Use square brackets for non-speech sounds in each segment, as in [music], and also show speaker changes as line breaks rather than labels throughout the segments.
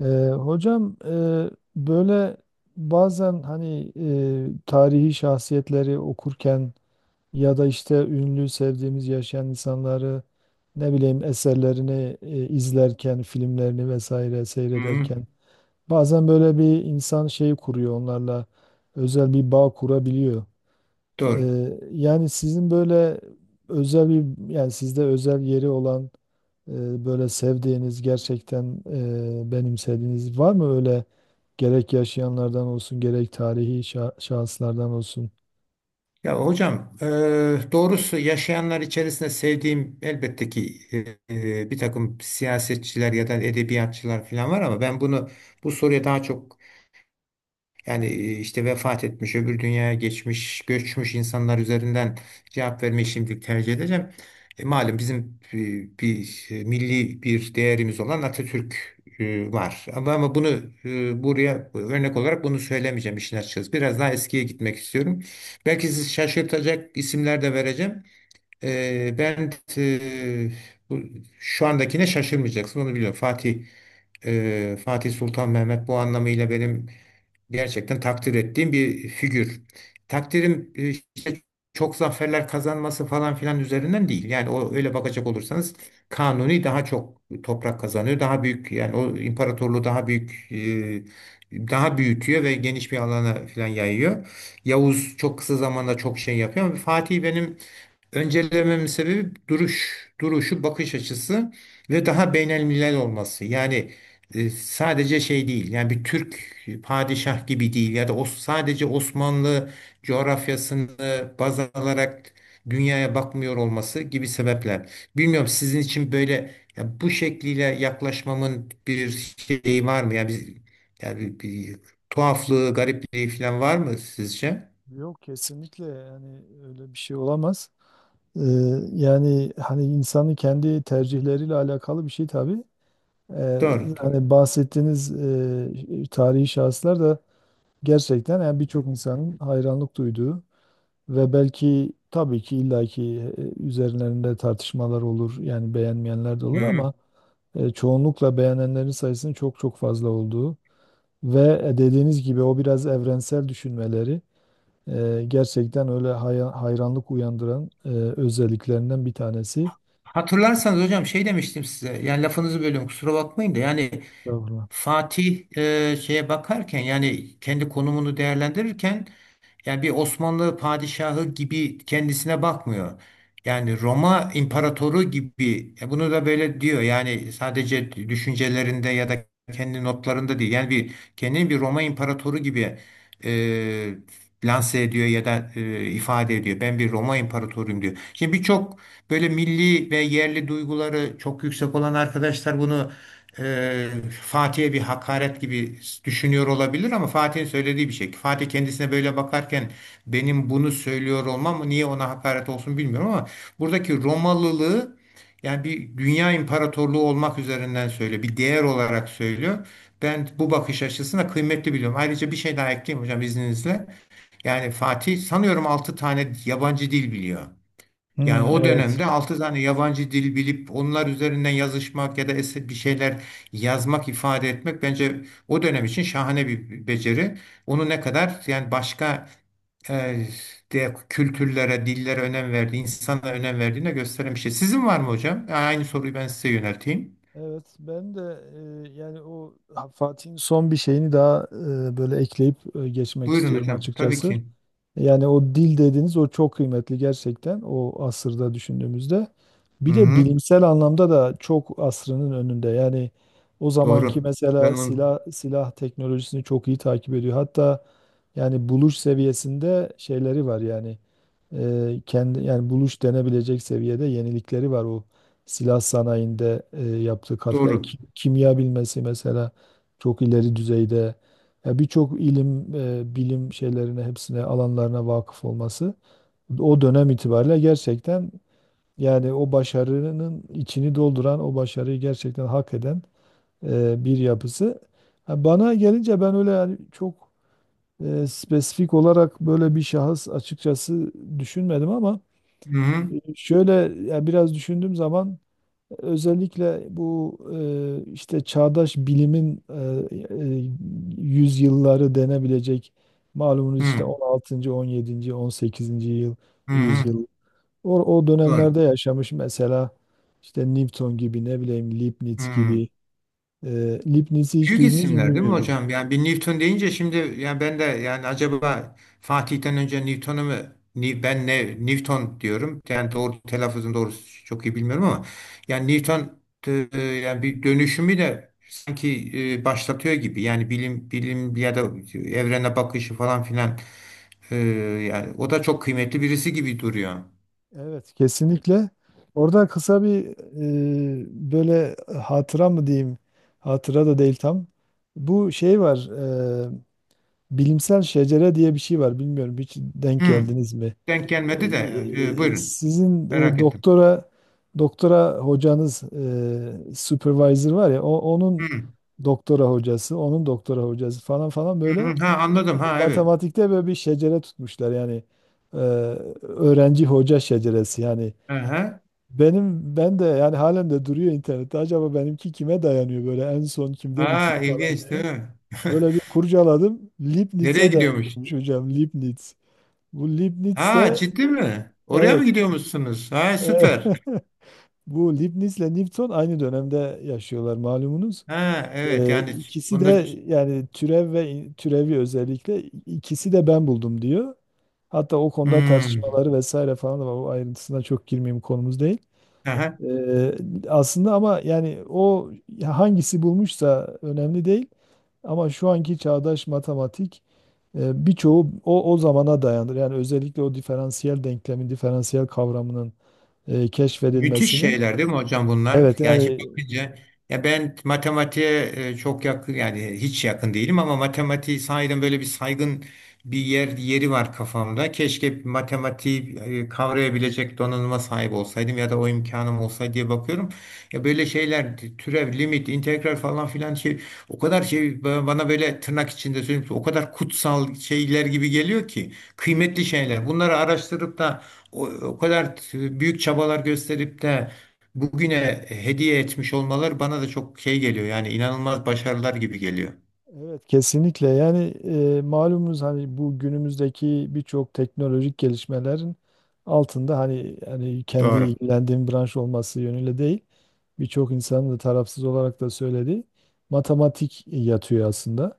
Ee, hocam, böyle bazen hani tarihi şahsiyetleri okurken ya da işte ünlü sevdiğimiz yaşayan insanları, ne bileyim, eserlerini izlerken, filmlerini vesaire
Hı,
seyrederken bazen böyle bir insan şeyi kuruyor onlarla, özel bir bağ kurabiliyor.
doğru.
Yani sizin böyle özel bir, yani sizde özel yeri olan, böyle sevdiğiniz, gerçekten benimsediğiniz var mı, öyle gerek yaşayanlardan olsun gerek tarihi şahıslardan olsun?
Ya hocam, doğrusu yaşayanlar içerisinde sevdiğim elbette ki bir takım siyasetçiler ya da edebiyatçılar falan var, ama ben bunu bu soruya daha çok, yani işte vefat etmiş, öbür dünyaya geçmiş, göçmüş insanlar üzerinden cevap vermeyi şimdilik tercih edeceğim. Malum bizim bir milli bir değerimiz olan Atatürk var. Ama bunu buraya örnek olarak bunu söylemeyeceğim işin açıkçası. Biraz daha eskiye gitmek istiyorum. Belki sizi şaşırtacak isimler de vereceğim. Ben, e, bu, şu andakine şaşırmayacaksın, onu biliyorum. Fatih, Fatih Sultan Mehmet bu anlamıyla benim gerçekten takdir ettiğim bir figür. Takdirim işte çok zaferler kazanması falan filan üzerinden değil. Yani o, öyle bakacak olursanız Kanuni daha çok toprak kazanıyor. Daha büyük, yani o imparatorluğu daha büyük, daha büyütüyor ve geniş bir alana filan yayıyor. Yavuz çok kısa zamanda çok şey yapıyor, ama Fatih benim öncelememin sebebi duruş, duruşu, bakış açısı ve daha beynelmilel olması. Yani sadece şey değil, yani bir Türk padişah gibi değil ya da o sadece Osmanlı coğrafyasını baz alarak dünyaya bakmıyor olması gibi sebepler. Bilmiyorum, sizin için böyle, ya bu şekliyle yaklaşmamın bir şeyi var mı? Yani bir tuhaflığı, garipliği falan var mı sizce?
Yok, kesinlikle yani öyle bir şey olamaz. Ee, yani hani insanın kendi tercihleriyle alakalı bir şey tabii. Ee,
Doğru.
hani bahsettiğiniz tarihi şahıslar da gerçekten, yani birçok insanın hayranlık duyduğu ve belki tabii ki illaki üzerlerinde tartışmalar olur. Yani beğenmeyenler de
Hı
olur,
hı.
ama çoğunlukla beğenenlerin sayısının çok çok fazla olduğu ve dediğiniz gibi o biraz evrensel düşünmeleri gerçekten öyle hayranlık uyandıran özelliklerinden bir tanesi.
Hatırlarsanız hocam şey demiştim size, yani lafınızı bölüyorum kusura bakmayın da, yani
Estağfurullah.
Fatih şeye bakarken, yani kendi konumunu değerlendirirken, yani bir Osmanlı padişahı gibi kendisine bakmıyor. Yani Roma imparatoru gibi. Bunu da böyle diyor. Yani sadece düşüncelerinde ya da kendi notlarında değil. Yani bir kendini bir Roma imparatoru gibi e, lanse ediyor ya da ifade ediyor. Ben bir Roma imparatoruyum diyor. Şimdi birçok böyle milli ve yerli duyguları çok yüksek olan arkadaşlar bunu e, Fatih'e bir hakaret gibi düşünüyor olabilir, ama Fatih'in söylediği bir şey. Fatih kendisine böyle bakarken, benim bunu söylüyor olmam niye ona hakaret olsun bilmiyorum, ama buradaki Romalılığı yani bir dünya imparatorluğu olmak üzerinden söylüyor. Bir değer olarak söylüyor. Ben bu bakış açısına kıymetli biliyorum. Ayrıca bir şey daha ekleyeyim hocam izninizle. Yani Fatih sanıyorum 6 tane yabancı dil biliyor. Yani
Hmm,
o
evet.
dönemde 6 tane yabancı dil bilip onlar üzerinden yazışmak ya da bir şeyler yazmak, ifade etmek bence o dönem için şahane bir beceri. Onu ne kadar yani başka e, de kültürlere, dillere önem verdiği, insana önem verdiğine gösteren bir şey. Sizin var mı hocam? Aynı soruyu ben size yönelteyim.
Evet, ben de yani o Fatih'in son bir şeyini daha böyle ekleyip geçmek
Buyurun
istiyorum
hocam. Tabii
açıkçası.
ki.
Yani o dil dediğiniz o çok kıymetli, gerçekten o asırda düşündüğümüzde. Bir de
Hı-hı.
bilimsel anlamda da çok asrının önünde. Yani o zamanki
Doğru. Ben
mesela
onu.
silah teknolojisini çok iyi takip ediyor. Hatta yani buluş seviyesinde şeyleri var, yani kendi yani buluş denebilecek seviyede yenilikleri var, o silah sanayinde yaptığı katkılar.
Doğru.
Kimya bilmesi mesela çok ileri düzeyde. Ya birçok ilim, bilim şeylerine, hepsine, alanlarına vakıf olması o dönem itibariyle gerçekten, yani o başarının içini dolduran, o başarıyı gerçekten hak eden bir yapısı. Ha, bana gelince ben öyle yani çok spesifik olarak böyle bir şahıs açıkçası düşünmedim, ama
Hı-hı.
şöyle, ya biraz düşündüğüm zaman özellikle bu işte çağdaş bilimin yüzyılları denebilecek, malumunuz işte on altıncı 17. 18. yıl
Hı-hı.
yüzyıl. O
Doğru.
dönemlerde yaşamış mesela işte Newton gibi, ne bileyim, Leibniz
Hmm.
gibi. Leibniz'i hiç
Büyük
duydunuz mu
isimler değil mi
bilmiyorum.
hocam? Yani bir Newton deyince şimdi, yani ben de, yani acaba Fatih'ten önce Newton'u mu... ben ne Newton diyorum. Yani doğru telaffuzun doğrusu çok iyi bilmiyorum, ama yani Newton yani bir dönüşümü de sanki başlatıyor gibi. Yani bilim ya da evrene bakışı falan filan. E, Yani o da çok kıymetli birisi gibi duruyor.
Evet, kesinlikle. Orada kısa bir böyle, hatıra mı diyeyim? Hatıra da değil tam. Bu şey var. e, Bilimsel şecere diye bir şey var. Bilmiyorum, hiç denk
Hmm.
geldiniz mi?
Denk gelmedi de
Ee,
buyurun.
Sizin
Merak ettim.
doktora hocanız, supervisor var ya, onun
Hmm.
doktora hocası, onun doktora hocası falan falan,
Hı
böyle
hı. Ha, anladım. Ha, evet.
matematikte böyle bir şecere tutmuşlar, yani e, öğrenci hoca şeceresi, yani
Aha.
benim, ben de yani halen de duruyor internette, acaba benimki kime dayanıyor, böyle en son kimde
Ha,
bitiyor falan
ilginç değil
diye.
mi? [laughs]
Böyle bir kurcaladım.
Nereye
Leibniz'e
gidiyormuş?
dayanıyormuş hocam. Leibniz. Bu Leibniz
Ha,
de,
ciddi mi? Oraya mı
evet.
gidiyormuşsunuz? Ha, süper.
[laughs] Bu Leibniz'le Newton aynı dönemde yaşıyorlar, malumunuz.
Ha, evet yani
İkisi
onda.
de yani türev ve türevi, özellikle ikisi de ben buldum diyor. Hatta o konuda
Hmm.
tartışmaları vesaire falan da var. O ayrıntısına çok girmeyeyim, konumuz değil.
Aha.
Ee, aslında ama yani o, hangisi bulmuşsa önemli değil. Ama şu anki çağdaş matematik, birçoğu o zamana dayanır. Yani özellikle o diferansiyel denklemin, diferansiyel kavramının
Müthiş
keşfedilmesinin.
şeyler değil mi hocam bunlar?
Evet
Yani şimdi
yani,
bakınca, ya ben matematiğe çok yakın, yani hiç yakın değilim, ama matematiği sahiden böyle bir saygın bir yeri var kafamda. Keşke matematiği kavrayabilecek donanıma sahip olsaydım ya da o imkanım olsaydı diye bakıyorum. Ya böyle şeyler türev, limit, integral falan filan şey o kadar şey bana böyle tırnak içinde söyleyeyim, o kadar kutsal şeyler gibi geliyor ki, kıymetli şeyler. Bunları araştırıp da o kadar büyük çabalar gösterip de bugüne hediye etmiş olmaları bana da çok şey geliyor. Yani inanılmaz başarılar gibi geliyor.
evet kesinlikle yani malumunuz hani bu günümüzdeki birçok teknolojik gelişmelerin altında, hani kendi
Doğru,
ilgilendiğim branş olması yönüyle değil, birçok insanın da tarafsız olarak da söylediği matematik yatıyor aslında.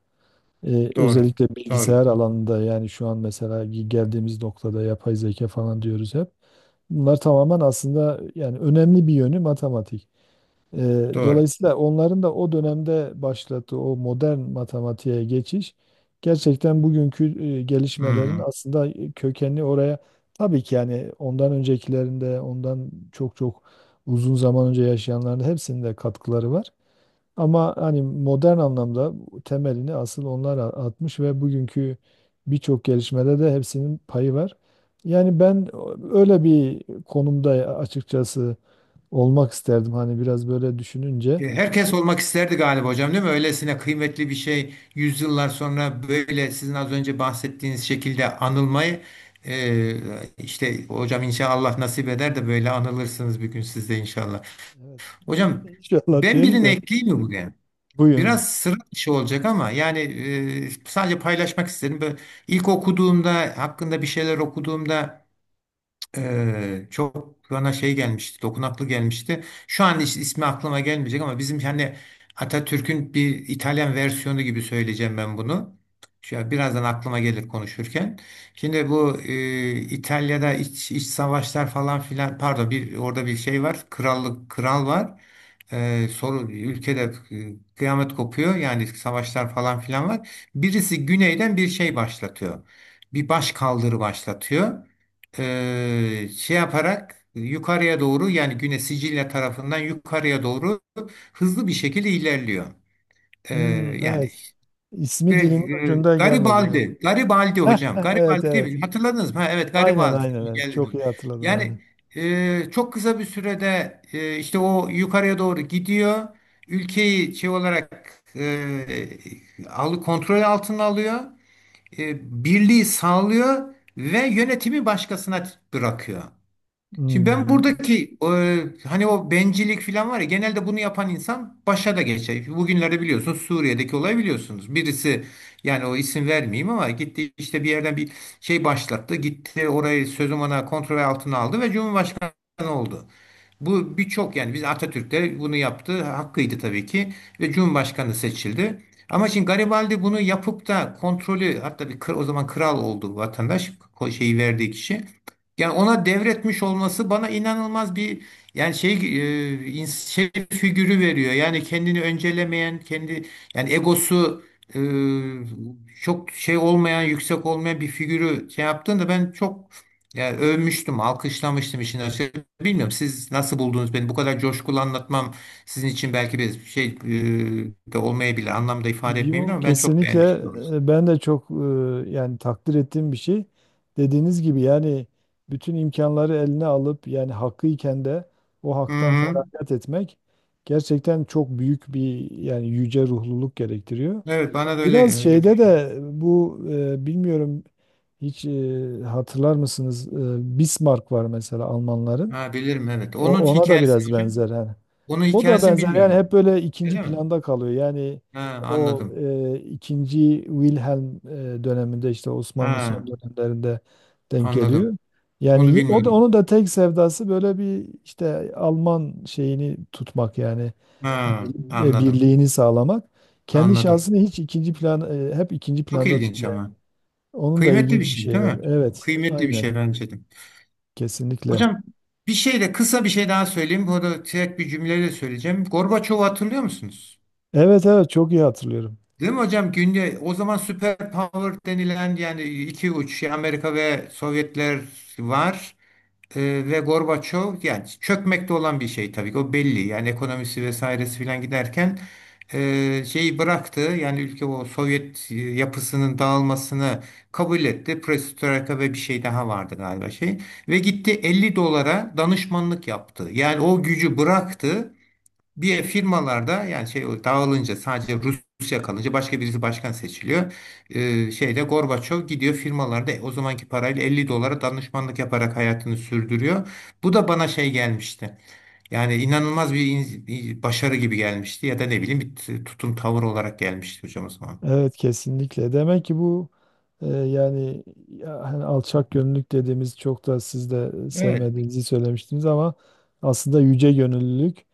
doğru,
Özellikle
doğru,
bilgisayar alanında, yani şu an mesela geldiğimiz noktada yapay zeka falan diyoruz hep. Bunlar tamamen aslında, yani önemli bir yönü matematik. Ee,
doğru.
dolayısıyla onların da o dönemde başlattığı o modern matematiğe geçiş, gerçekten bugünkü gelişmelerin
Hmm.
aslında kökenli oraya, tabii ki yani ondan öncekilerinde, ondan çok çok uzun zaman önce yaşayanların hepsinde katkıları var. Ama hani modern anlamda temelini asıl onlar atmış ve bugünkü birçok gelişmede de hepsinin payı var. Yani ben öyle bir konumda açıkçası olmak isterdim, hani biraz böyle düşününce.
Herkes olmak isterdi galiba hocam değil mi? Öylesine kıymetli bir şey, yüzyıllar sonra böyle sizin az önce bahsettiğiniz şekilde anılmayı, e, işte hocam inşallah nasip eder de böyle anılırsınız bir gün siz de inşallah.
Evet. [laughs]
Hocam,
İnşallah
ben
diyelim
birini
de,
ekleyeyim mi bugün?
buyurun.
Biraz sıra dışı olacak, ama yani sadece paylaşmak istedim. Böyle ilk okuduğumda, hakkında bir şeyler okuduğumda, çok bana şey gelmişti, dokunaklı gelmişti. Şu an ismi aklıma gelmeyecek, ama bizim hani Atatürk'ün bir İtalyan versiyonu gibi söyleyeceğim ben bunu. Şu birazdan aklıma gelir konuşurken. Şimdi bu İtalya'da iç savaşlar falan filan, pardon, bir orada bir şey var. Krallık, kral var. Soru ülkede kıyamet kopuyor. Yani savaşlar falan filan var. Birisi güneyden bir şey başlatıyor. Bir baş kaldırı başlatıyor, şey yaparak yukarıya doğru, yani Güney Sicilya tarafından yukarıya doğru hızlı bir şekilde ilerliyor. E,
Hmm,
yani
evet. İsmi dilimin
bir,
ucunda gelmedi, yani.
Garibaldi, Garibaldi
[laughs]
hocam,
Evet,
Garibaldi değil
evet.
mi? Hatırladınız mı? Ha, evet,
Aynen,
Garibaldi
aynen. Evet. Çok
geldi.
iyi hatırladım, aynen.
Yani çok kısa bir sürede işte o yukarıya doğru gidiyor. Ülkeyi şey olarak e, alı kontrol altına alıyor. Birliği sağlıyor ve yönetimi başkasına bırakıyor. Şimdi ben
Hmm.
buradaki hani o bencillik falan var ya, genelde bunu yapan insan başa da geçer. Bugünlerde biliyorsunuz Suriye'deki olayı biliyorsunuz. Birisi, yani o, isim vermeyeyim, ama gitti işte bir yerden bir şey başlattı. Gitti orayı sözüm ona kontrol altına aldı ve Cumhurbaşkanı oldu. Bu birçok, yani biz Atatürk'te bunu yaptı. Hakkıydı tabii ki ve Cumhurbaşkanı seçildi. Ama şimdi Garibaldi bunu yapıp da kontrolü, hatta bir o zaman kral oldu bu vatandaş, şeyi verdiği kişi. Yani ona devretmiş olması bana inanılmaz bir, yani şey şey figürü veriyor. Yani kendini öncelemeyen, kendi yani egosu e, çok şey olmayan, yüksek olmayan bir figürü şey yaptığında ben çok, yani övmüştüm, alkışlamıştım işin açığı. Bilmiyorum siz nasıl buldunuz beni? Bu kadar coşkulu anlatmam sizin için belki bir şey de olmayabilir, anlamda ifade etmeyebilir,
Yok,
ama ben çok beğenmiştim
kesinlikle,
doğrusu.
ben de çok yani takdir ettiğim bir şey. Dediğiniz gibi, yani bütün imkanları eline alıp yani hakkıyken de o
Hı
haktan
hı.
feragat etmek gerçekten çok büyük bir, yani yüce ruhluluk gerektiriyor.
Evet, bana da
Biraz
öyle öyle
şeyde
düşün.
de bu, bilmiyorum, hiç hatırlar mısınız? Bismarck var mesela, Almanların.
Ha, bilirim evet.
O,
Onun
ona da
hikayesini
biraz
hocam.
benzer, hani.
Onun
O da
hikayesini
benzer,
bilmiyorum
yani
ama.
hep böyle ikinci
Öyle mi?
planda kalıyor. Yani
Ha,
o
anladım.
ikinci Wilhelm döneminde işte Osmanlı
Ha,
son dönemlerinde denk
anladım.
geliyor. Yani
Onu
o da,
bilmiyordum.
onun da tek sevdası böyle bir, işte Alman şeyini tutmak, yani
Ha, anladım.
birliğini sağlamak. Kendi
Anladım.
şahsını hiç ikinci plan, hep ikinci
Çok
planda
ilginç
tutuyor yani.
ama.
Onun da
Kıymetli bir
ilginç bir
şey
şey
değil
var.
mi?
Evet,
Kıymetli bir
aynen,
şey bence de.
kesinlikle.
Hocam, bir şey de, kısa bir şey daha söyleyeyim. Bu da tek bir cümleyle söyleyeceğim. Gorbaçov'u hatırlıyor musunuz?
Evet, evet, çok iyi hatırlıyorum.
Değil mi hocam? Günde o zaman süper power denilen yani iki uç şey, Amerika ve Sovyetler var. Ve Gorbaçov, yani çökmekte olan bir şey tabii ki, o belli, yani ekonomisi vesairesi filan giderken şeyi bıraktı, yani ülke o Sovyet yapısının dağılmasını kabul etti. Perestroika ve bir şey daha vardı galiba şey, ve gitti 50 dolara danışmanlık yaptı, yani o gücü bıraktı, bir firmalarda, yani şey dağılınca sadece Rusya kalınca başka birisi başkan seçiliyor. Şeyde Gorbaçov gidiyor firmalarda, o zamanki parayla 50 dolara danışmanlık yaparak hayatını sürdürüyor. Bu da bana şey gelmişti. Yani inanılmaz bir bir başarı gibi gelmişti ya da ne bileyim bir tutum tavır olarak gelmişti hocam o zaman.
Evet, kesinlikle. Demek ki bu yani ya, hani alçak gönüllülük dediğimiz, çok da siz de
Evet.
sevmediğinizi söylemiştiniz ama aslında yüce gönüllülük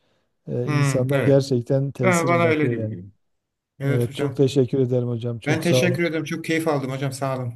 Hmm,
insanda
evet.
gerçekten
Ben,
tesir
bana öyle
bırakıyor
gibi
yani.
geliyor. Evet
Evet, çok
hocam.
teşekkür ederim hocam.
Ben
Çok sağ
teşekkür
olun.
ederim. Çok keyif aldım hocam. Sağ olun.